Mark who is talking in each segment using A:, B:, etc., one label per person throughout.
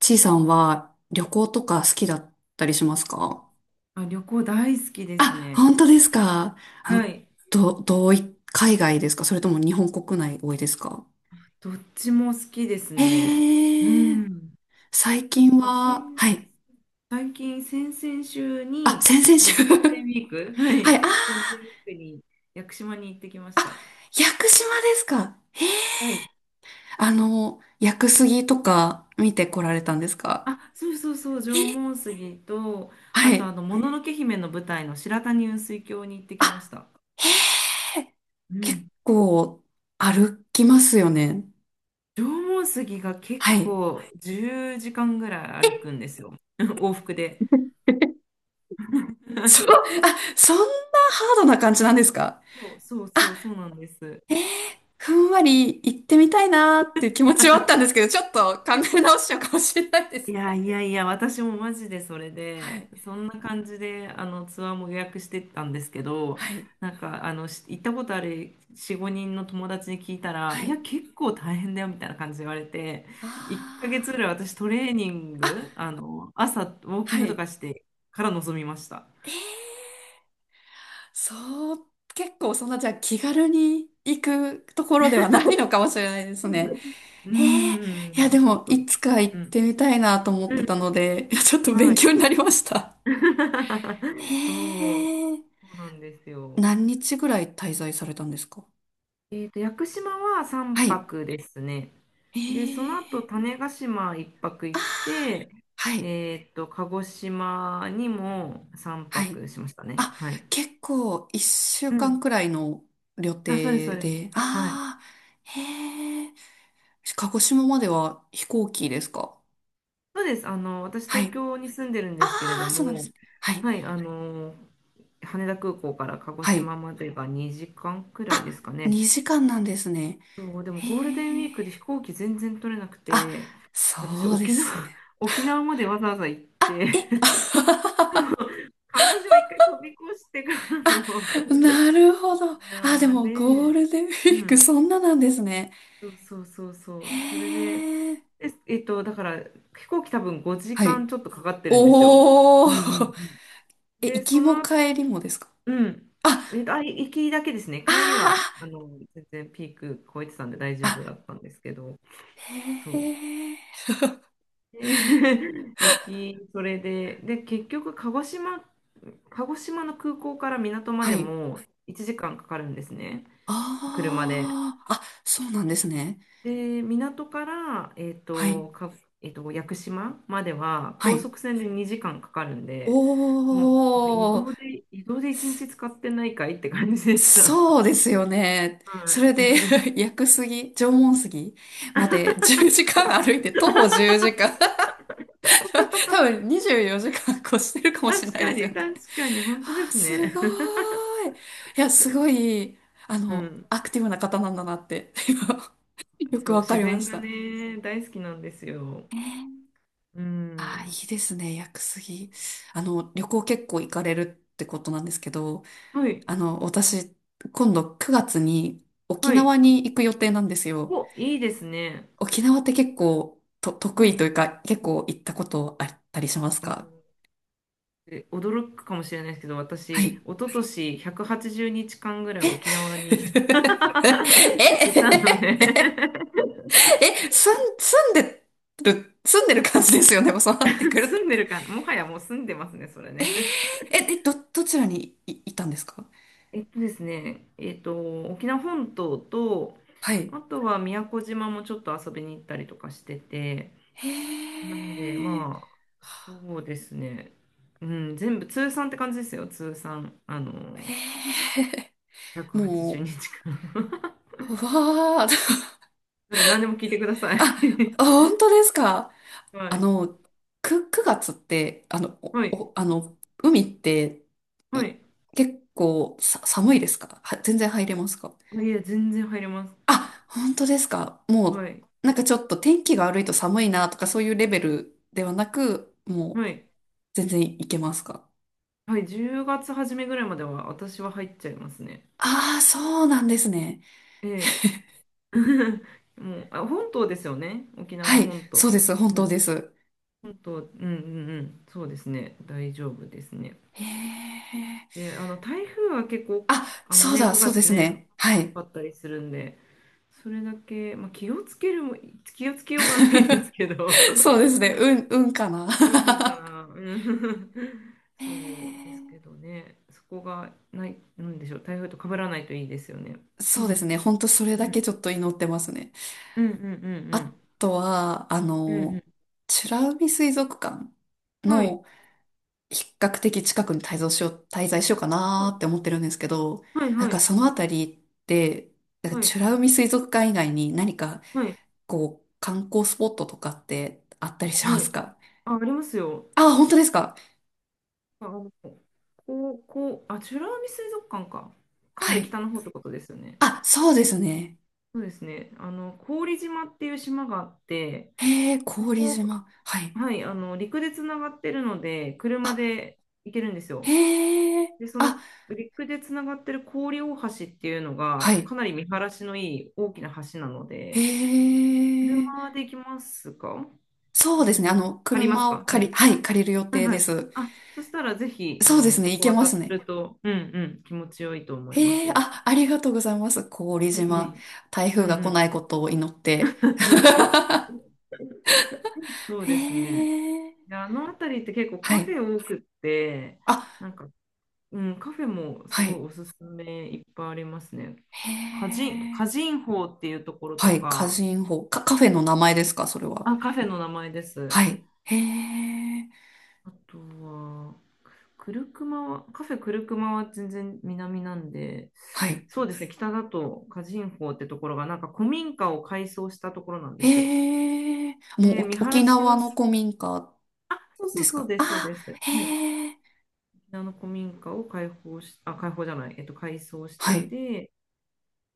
A: ちいさんは旅行とか好きだったりしますか？
B: あ、旅行大好きです
A: あ、
B: ね。
A: 本当ですか？あ
B: は
A: の、
B: い。
A: ど、どうい、海外ですか？それとも日本国内多いですか？
B: どっちも好きですね。
A: へ
B: う
A: え、
B: ん。
A: 最
B: 今日、
A: 近
B: あ、先、
A: は、はい。
B: 最近、先々週
A: あ、
B: に、
A: 先々週
B: ゴールデンウィーク、は
A: はい、
B: い。
A: あー、
B: ゴールデンウィークに屋久島に行ってきま
A: あ、
B: した。
A: 屋久島ですか？へえ、
B: はい。
A: 屋久杉とか見てこられたんですか？
B: あ、そうそうそう、縄
A: へえ。
B: 文杉と、あ
A: は
B: と、
A: い。
B: もののけ姫の舞台の白谷雲水峡に行ってきまし
A: あ、
B: た。
A: へえ、
B: う
A: 結
B: ん。
A: 構歩きますよね。
B: 縄文杉が結
A: はい。
B: 構10時間ぐらい歩くんですよ。往復で。
A: そう、あ、そんなハードな感じなんですか？
B: そうそう
A: あ、
B: そうそうなんです。
A: えー、ふんわり行ってみたいなーっていう気持ちはあったんですけど、ちょっと考え
B: い
A: 直しちゃうかもしれないです。
B: やいやいや、私もマジでそれ
A: は
B: で、
A: い、
B: そんな感じであのツアーも予約してたんですけど、
A: はい、
B: なんかあのし行ったことある4、5人の友達に聞いたら、
A: は
B: いや、
A: い。
B: 結構大変だよみたいな感じで言われて、
A: あ
B: 1ヶ月ぐらい私トレーニン
A: ー、あ、
B: グ、朝ウォーキ
A: は
B: ングと
A: い。
B: かしてから臨みました。
A: そう、結構そんな、じゃあ気軽に行くところではないのかもしれないですね。
B: う
A: へえ、
B: ー
A: いや
B: ん、
A: で
B: ちょっ
A: も、
B: と。
A: いつか行っ
B: うん、
A: てみたいなと思っ
B: う
A: て
B: ん、
A: たので、いやちょっと
B: は
A: 勉
B: い。
A: 強になりました。へ
B: そう、
A: え。
B: そうなんですよ。
A: 何日ぐらい滞在されたんですか？
B: 屋久島は
A: は
B: 3
A: い。
B: 泊ですね。
A: え
B: で、その後、
A: え、
B: 種子島1泊
A: あ、
B: 行って、
A: はい。
B: 鹿児島にも3
A: はい。
B: 泊しましたね。
A: あ、
B: はい。
A: 結構一週
B: うん。
A: 間くらいの旅程
B: あ、そうです、そうです。
A: で。
B: はい。
A: ああ、へえ。鹿児島までは飛行機ですか？
B: そうです。私、
A: は
B: 東
A: い。
B: 京に住んでるん
A: あ
B: ですけれど
A: あ、そうなんです
B: も、
A: ね。はい。
B: はい、羽田空港から鹿児
A: はい。
B: 島までが2時間くらいで
A: あ、
B: すかね。
A: 2時間なんですね。
B: そう、でも
A: へ
B: ゴールデンウィー
A: え。
B: クで飛行機全然取れなく
A: あ、
B: て、私、
A: そうで
B: 沖縄、
A: すね。
B: 沖縄までわざわざ行って、
A: あ、え、
B: 鹿児島一回飛び越してからの
A: あ、な
B: 沖
A: るほど。あ、で
B: 縄
A: もゴー
B: で、
A: ルデンウ
B: う
A: ィーク、
B: ん、
A: そんななんですね。
B: そうそうそうそ
A: へ
B: う、それで、
A: え。
B: だから飛行機多分5
A: は
B: 時間
A: い。
B: ちょっとかかってるんですよ。う
A: お
B: んうん
A: ー。
B: うん。
A: え、
B: で、
A: 行きも帰りもですか？
B: うん、
A: あ、
B: 行きだけですね。帰りは
A: あ
B: 全然ピーク超えてたんで大
A: ー
B: 丈夫だ
A: あ、
B: ったんですけど、
A: へ
B: そう。
A: え。
B: で 行き、それで、結局鹿児島の空港から港ま
A: は
B: で
A: い。
B: も1時間かんかかるんですね。車で。
A: ああ、あ、そうなんですね。
B: で、港から、えっ
A: はい。
B: と、か、えっと、屋久島までは
A: は
B: 高
A: い。
B: 速船で2時間かかるんで、もうなんか移
A: おー。
B: 動で、移動で1日使ってないかいって感じでした。
A: そうですよね。
B: は
A: それ
B: い。
A: で、屋久杉、縄文杉まで 10時間歩いて、徒歩10時間。多分24時間越してるかもしれ
B: 確
A: ない
B: か
A: ですよ
B: に、
A: ね。
B: 確かに、本当で
A: ああ、
B: す
A: す
B: ね。
A: ごー い。いや、すごい、
B: うん。
A: アクティブな方なんだなって、今よ
B: そ
A: く
B: う、
A: わか
B: 自
A: りま
B: 然
A: し
B: が
A: た。
B: ね、大好きなんですよ。う
A: ああ、い
B: ん。
A: いですね、屋久杉。旅行結構行かれるってことなんですけど、
B: はい、
A: 私、今度9月に沖
B: は
A: 縄
B: い。
A: に行く予定なんですよ。
B: お、いいですね。
A: 沖縄って結構と得
B: は
A: 意と
B: い。
A: いうか、結構行ったことあったりしますか？
B: で驚くかもしれないですけど、
A: は
B: 私、一
A: い。
B: 昨年180日間ぐらい沖縄に いたので
A: え え、すん、住んでる感じですよね、もうそう なってくる
B: 住
A: と。
B: んでるか、もはやもう住んでますね、それね。
A: え、え、ど、どちらにい、いたんですか？
B: ですね、沖縄本島と、
A: はい。
B: あとは宮古島もちょっと遊びに行ったりとかしてて、
A: へ
B: なんで、
A: え、
B: まあ、そうですね、うん、全部通算って感じですよ。通算、
A: へえ、
B: 180日
A: も
B: 間
A: う、うわー、
B: なんで、何でも聞いてください。
A: あ、本当ですか？
B: は
A: あ
B: い。
A: の、く、9月って、あの、お、
B: はい。
A: おあの、海って、
B: は
A: い、
B: い。
A: 結構さ、寒いですか？は、全然入れますか？
B: あいや、全然入れます。
A: あ、本当ですか。
B: は
A: も
B: い。
A: う、なんかちょっと天気が悪いと寒いなとかそういうレベルではなく、もう
B: はい。
A: 全然いけますか。
B: はい。10月初めぐらいまでは私は入っちゃいますね。
A: ああ、そうなんですね。
B: ええ。もう、あ、本島ですよね。沖縄
A: はい、
B: 本
A: そ
B: 島。
A: うです。本
B: う
A: 当
B: ん。
A: です。
B: 本島、うんうんうん。そうですね。大丈夫ですね。
A: へえ。
B: で、台風は結構、
A: あ、そうだ、そ
B: 9
A: うで
B: 月
A: す
B: ね、
A: ね。はい。
B: 多かったりするんで、それだけ、まあ、気をつけるも、気をつけようがないで すけど、
A: そうですね。うん、うんかな。
B: うんかな。うん
A: へ
B: そうです
A: ー、
B: けどね。そこがない、なんでしょう。台風と被らないといいですよね。う
A: そうです
B: ん。
A: ね。ほんとそれ
B: う
A: だ
B: ん
A: けちょっと祈ってますね。
B: うんう
A: あ
B: ん
A: とは、
B: うんうん。うん
A: 美ら海水族館
B: うん。はい。
A: の比較的近くに滞在しようか
B: は
A: なー
B: い
A: って思ってるんですけど、
B: はい
A: なん
B: は
A: か
B: い。
A: そのあたりって、なんか
B: はい。
A: 美ら海水族館以外に何かこう観光スポットとかってあったりしま
B: は
A: す
B: い。
A: か？
B: あ、ありますよ。
A: あ、本当ですか？
B: あ、美ら海水族館か。か
A: は
B: なり
A: い。
B: 北の方ってことですよね。
A: あ、そうですね。
B: そうですね。郡島っていう島があって、
A: へえ、
B: そ
A: 氷
B: こ、
A: 島。はい。
B: はい、陸でつながってるので、車
A: あ、
B: で行けるんですよ。
A: へえ、
B: で、その
A: あ、
B: 陸でつながってる郡大橋っていうの
A: は
B: が、か
A: い。
B: なり見晴らしのいい大きな橋なの
A: へ
B: で、
A: え、
B: 車で行きますか？
A: そうですね。あ
B: 車、
A: の、
B: 借ります
A: 車を
B: か？は
A: 借り、
B: い。
A: はい、借りる予
B: はい
A: 定
B: は
A: で
B: い。
A: す。
B: あ、そしたらぜひ、
A: そうですね。
B: そ
A: 行
B: こ
A: けま
B: 渡
A: す
B: る
A: ね。
B: と、うんうん、気持ちよいと思いま
A: へ
B: す
A: え、
B: よ。
A: あ、ありがとうございます。郡
B: いえ
A: 島。
B: い
A: 台
B: え。うん
A: 風が
B: う
A: 来な
B: ん。
A: いことを祈って。
B: そう
A: へ
B: ですね。
A: え、
B: で、あの辺りって結構
A: は
B: カフ
A: い。
B: ェ多くって、
A: あ、
B: なんかうん、カフェもす
A: は
B: ごい
A: い。
B: おすすめいっぱいありますね。
A: へ
B: カ
A: え、
B: ジンホーっていうところと
A: はい。歌
B: か、
A: 人法。か、カフェの名前ですか、それは。
B: あ、カフェの名前です。
A: はい。へえ、
B: あとは、クルクマは、カフェクルクマは全然南なんで、
A: はい。
B: そうですね、北だとカジンホーってところが、なんか古民家を改装したところなんですよ。
A: へえ、
B: で、
A: もう
B: 見
A: お
B: 晴
A: 沖
B: らし
A: 縄
B: が
A: の
B: す、
A: 古民家
B: そう
A: で
B: そう
A: す
B: そう
A: か。
B: です、そう
A: あ、
B: です。はい。
A: へえ、
B: 沖縄の古民家を開放し、あ、開放じゃない、改装して
A: はい。
B: て、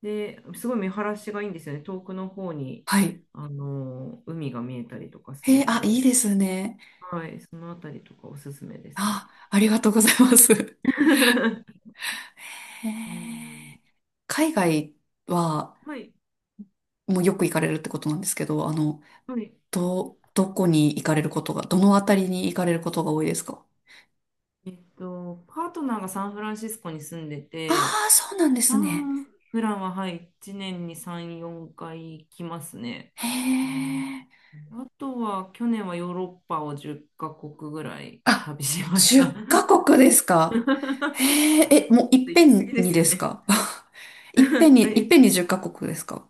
B: で、すごい見晴らしがいいんですよね。遠くの方に、
A: はい。
B: 海が見えたりとかす
A: へ
B: る
A: え、
B: ん
A: あ、いい
B: で、
A: ですね。
B: はい、そのあたりとかおすすめですね。
A: あ、ありがとうございます。へ
B: うん。
A: え、海外は、
B: はい、
A: もうよく行かれるってことなんですけど、
B: はい。
A: ど、どこに行かれることが、どのあたりに行かれることが多いですか？
B: パートナーがサンフランシスコに住んで
A: ああ
B: て、
A: ー、そうなんで
B: あ
A: す
B: あ、
A: ね。
B: 普段は、はい、1年に3、4回来ますね。
A: へえ。
B: あとは、去年はヨーロッパを10カ国ぐらい
A: あ、
B: 旅しました。
A: 10カ国です
B: ちょ
A: か。
B: っ
A: へえ、え、もうい
B: と
A: っ
B: 行
A: ぺ
B: き過
A: ん
B: ぎで
A: に
B: す
A: で
B: よ
A: す
B: ね。
A: か？ いっぺん
B: あ
A: に、いっ
B: え
A: ぺんに10カ国ですか？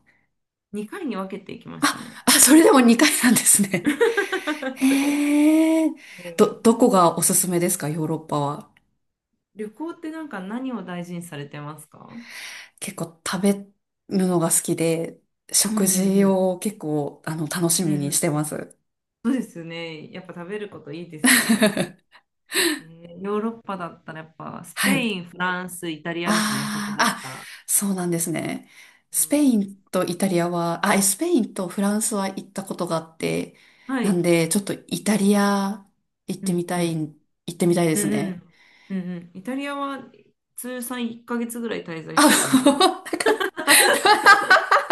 B: 2回に分けていきま
A: あ、
B: したね。
A: あ、それでも2回なんですね。へえ。
B: う
A: ど、
B: ん
A: どこがおすすめですか、ヨーロッパは。
B: 旅行ってなんか何を大事にされてますか？
A: 結構食べるのが好きで、
B: うんう
A: 食事
B: ん
A: を結構、楽し
B: うん。
A: み
B: うんう
A: にし
B: ん。
A: てます。
B: そうですよね。やっぱ食べることいいですよね。ヨーロッパだったらやっぱスペ
A: はい。
B: イン、フランス、イタリアですね、食
A: あ
B: だっ
A: あ、あ、
B: たら。
A: そうなんですね。
B: う
A: スペ
B: ん、
A: インとイタリアは、あ、えスペインとフランスは行ったことがあって、
B: は
A: なん
B: い。
A: で、ちょっとイタリア
B: うんうん。
A: 行ってみたいで
B: う
A: す
B: んう
A: ね。
B: ん。うんうん。イタリアは通算1ヶ月ぐらい滞在
A: あ、
B: してたんで、
A: なんか、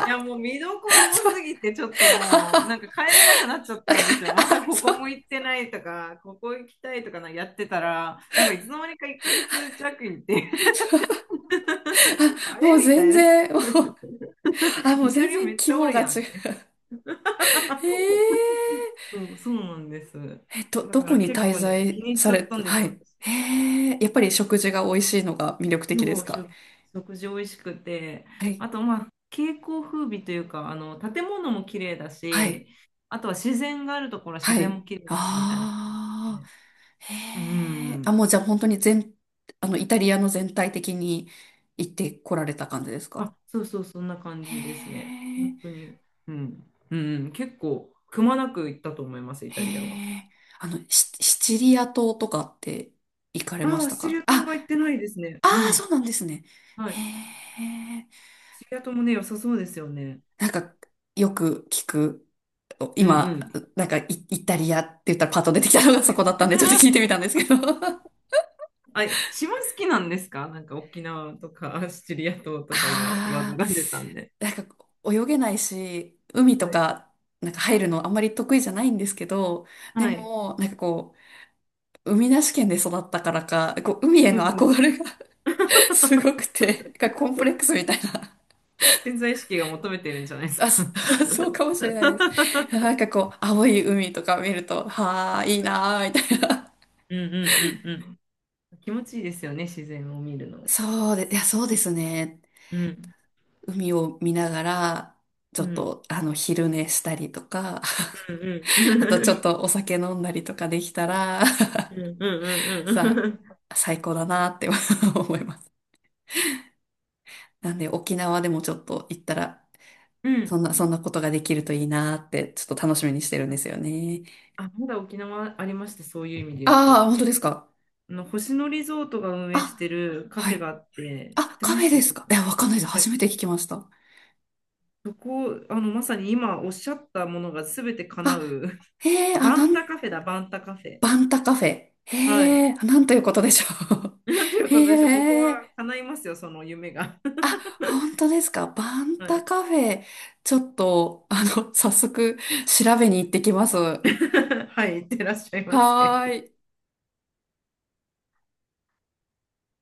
B: いや、もう見どころ多
A: そ
B: す
A: う、
B: ぎて、ちょっともう、なんか帰れなくなっちゃったんですよ。まだ
A: あ、
B: こ
A: そ
B: こ
A: う、
B: も行ってないとか、ここ行きたいとかなやってたら、なんかいつの間にか1ヶ月弱行って、
A: そう、
B: あ
A: も
B: れ
A: う
B: み
A: 全
B: たいな。
A: 然、もう、あ、もう
B: イタ
A: 全
B: リア
A: 然
B: めっ
A: 規
B: ちゃお
A: 模
B: る
A: が
B: やん
A: 違
B: って。
A: う。え、 え、
B: そう、そうなんです。
A: えっと、
B: だ
A: ど
B: か
A: こ
B: ら
A: に
B: 結
A: 滞
B: 構ね、気
A: 在
B: に入っ
A: さ
B: ちゃ
A: れ
B: った
A: て、
B: んです
A: は
B: よ、
A: い。
B: 私。
A: へえ、やっぱり食事が美味しいのが魅力的で
B: そ
A: す
B: う、
A: か？
B: 食事美味しくて。
A: はい。
B: あと、まあ、景観風美というか、建物も綺麗だ
A: は
B: し、
A: い。
B: あとは自然があるところは自
A: は
B: 然
A: い。
B: も綺麗だし、みたいな感じ
A: ああ、
B: で。う
A: へえ。あ、
B: ん。
A: もうじゃあ本当に全、イタリアの全体的に行ってこられた感じですか？
B: あ、そうそう、そんな感
A: へ
B: じですね。本
A: え、
B: 当に。うん。うん、結構、くまなく行ったと思います、イ
A: へ
B: タリアは。
A: え。あの、シ、シチリア島とかって行かれま
B: あ
A: し
B: あ、
A: た
B: シチリ
A: か？
B: ア
A: あ、
B: 島は行ってないですね。
A: あ
B: う
A: あ、
B: ん。
A: そうなんですね。
B: はい。
A: へえ。
B: シチリア島もね、良さそうですよね。
A: なんか、よく聞く。
B: うんう
A: 今、
B: ん。
A: なんかイ、イタリアって言ったらパッと出てきたのがそこだったんで、ちょっと聞いてみた んですけど。あ、
B: あ、島好きなんですか？なんか沖縄とかシチリア島とか今、話題
A: あ、
B: が出たんで。
A: なんか泳げないし、海と
B: はい。
A: か、なんか入るのあんまり得意じゃないんですけど、で
B: はい。
A: も、なんかこう、海なし県で育ったからか、こう、海へ
B: う
A: の
B: んうん。
A: 憧れが すごく て、なんかコンプレックスみたいな。
B: 潜在意識が求めてるんじゃないです
A: あ、
B: か？
A: そ
B: は
A: そうかもしれないです。なんかこう、青い海とか見ると、はあ、いいな
B: い、
A: あみたいな。
B: うんうんうんうん。気持ちいいですよね、自然を見るの。
A: そうで、いや、そうですね。
B: うん。
A: 海を見ながら、ちょ
B: う
A: っ
B: ん。
A: と、昼寝したりとか、
B: うん
A: あとちょ
B: う
A: っ
B: ん。
A: とお酒飲んだりとかできたら、
B: うんう ん
A: さ
B: うん
A: あ、最高だなって 思います。なんで、沖縄でもちょっと行ったら、
B: うん。うん。
A: そんなことができるといいなって、ちょっと楽しみにしてるんですよね。
B: あ、まだ沖縄ありました、そういう意味で言う
A: ああ、
B: と。
A: 本当ですか。
B: あの星野リゾートが運営し
A: あ、
B: てるカ
A: は
B: フェが
A: い。
B: あって、知っ
A: あ、
B: て
A: カ
B: ま
A: フェ
B: す
A: です
B: そこ？
A: か。いや、わかんないです。
B: は
A: 初
B: い、
A: めて聞きました。
B: そこまさに今おっしゃったものが全て叶
A: あ、
B: う。
A: へえ、
B: あ、
A: あ、
B: バ
A: な
B: ン
A: ん、
B: タカフェだ、バンタカフェ。
A: バンタカフェ。へ
B: はい。
A: え、あ、なんということでしょ
B: なんていう
A: う。
B: ことでしょう。ここ
A: へ
B: は
A: え。
B: 叶いますよ、その夢が。
A: あ、本当ですか。バ ン
B: は
A: タ
B: い。
A: カフェ、ちょっと、早速、調べに行ってきます。は
B: はい、いってらっしゃいませ。
A: ーい。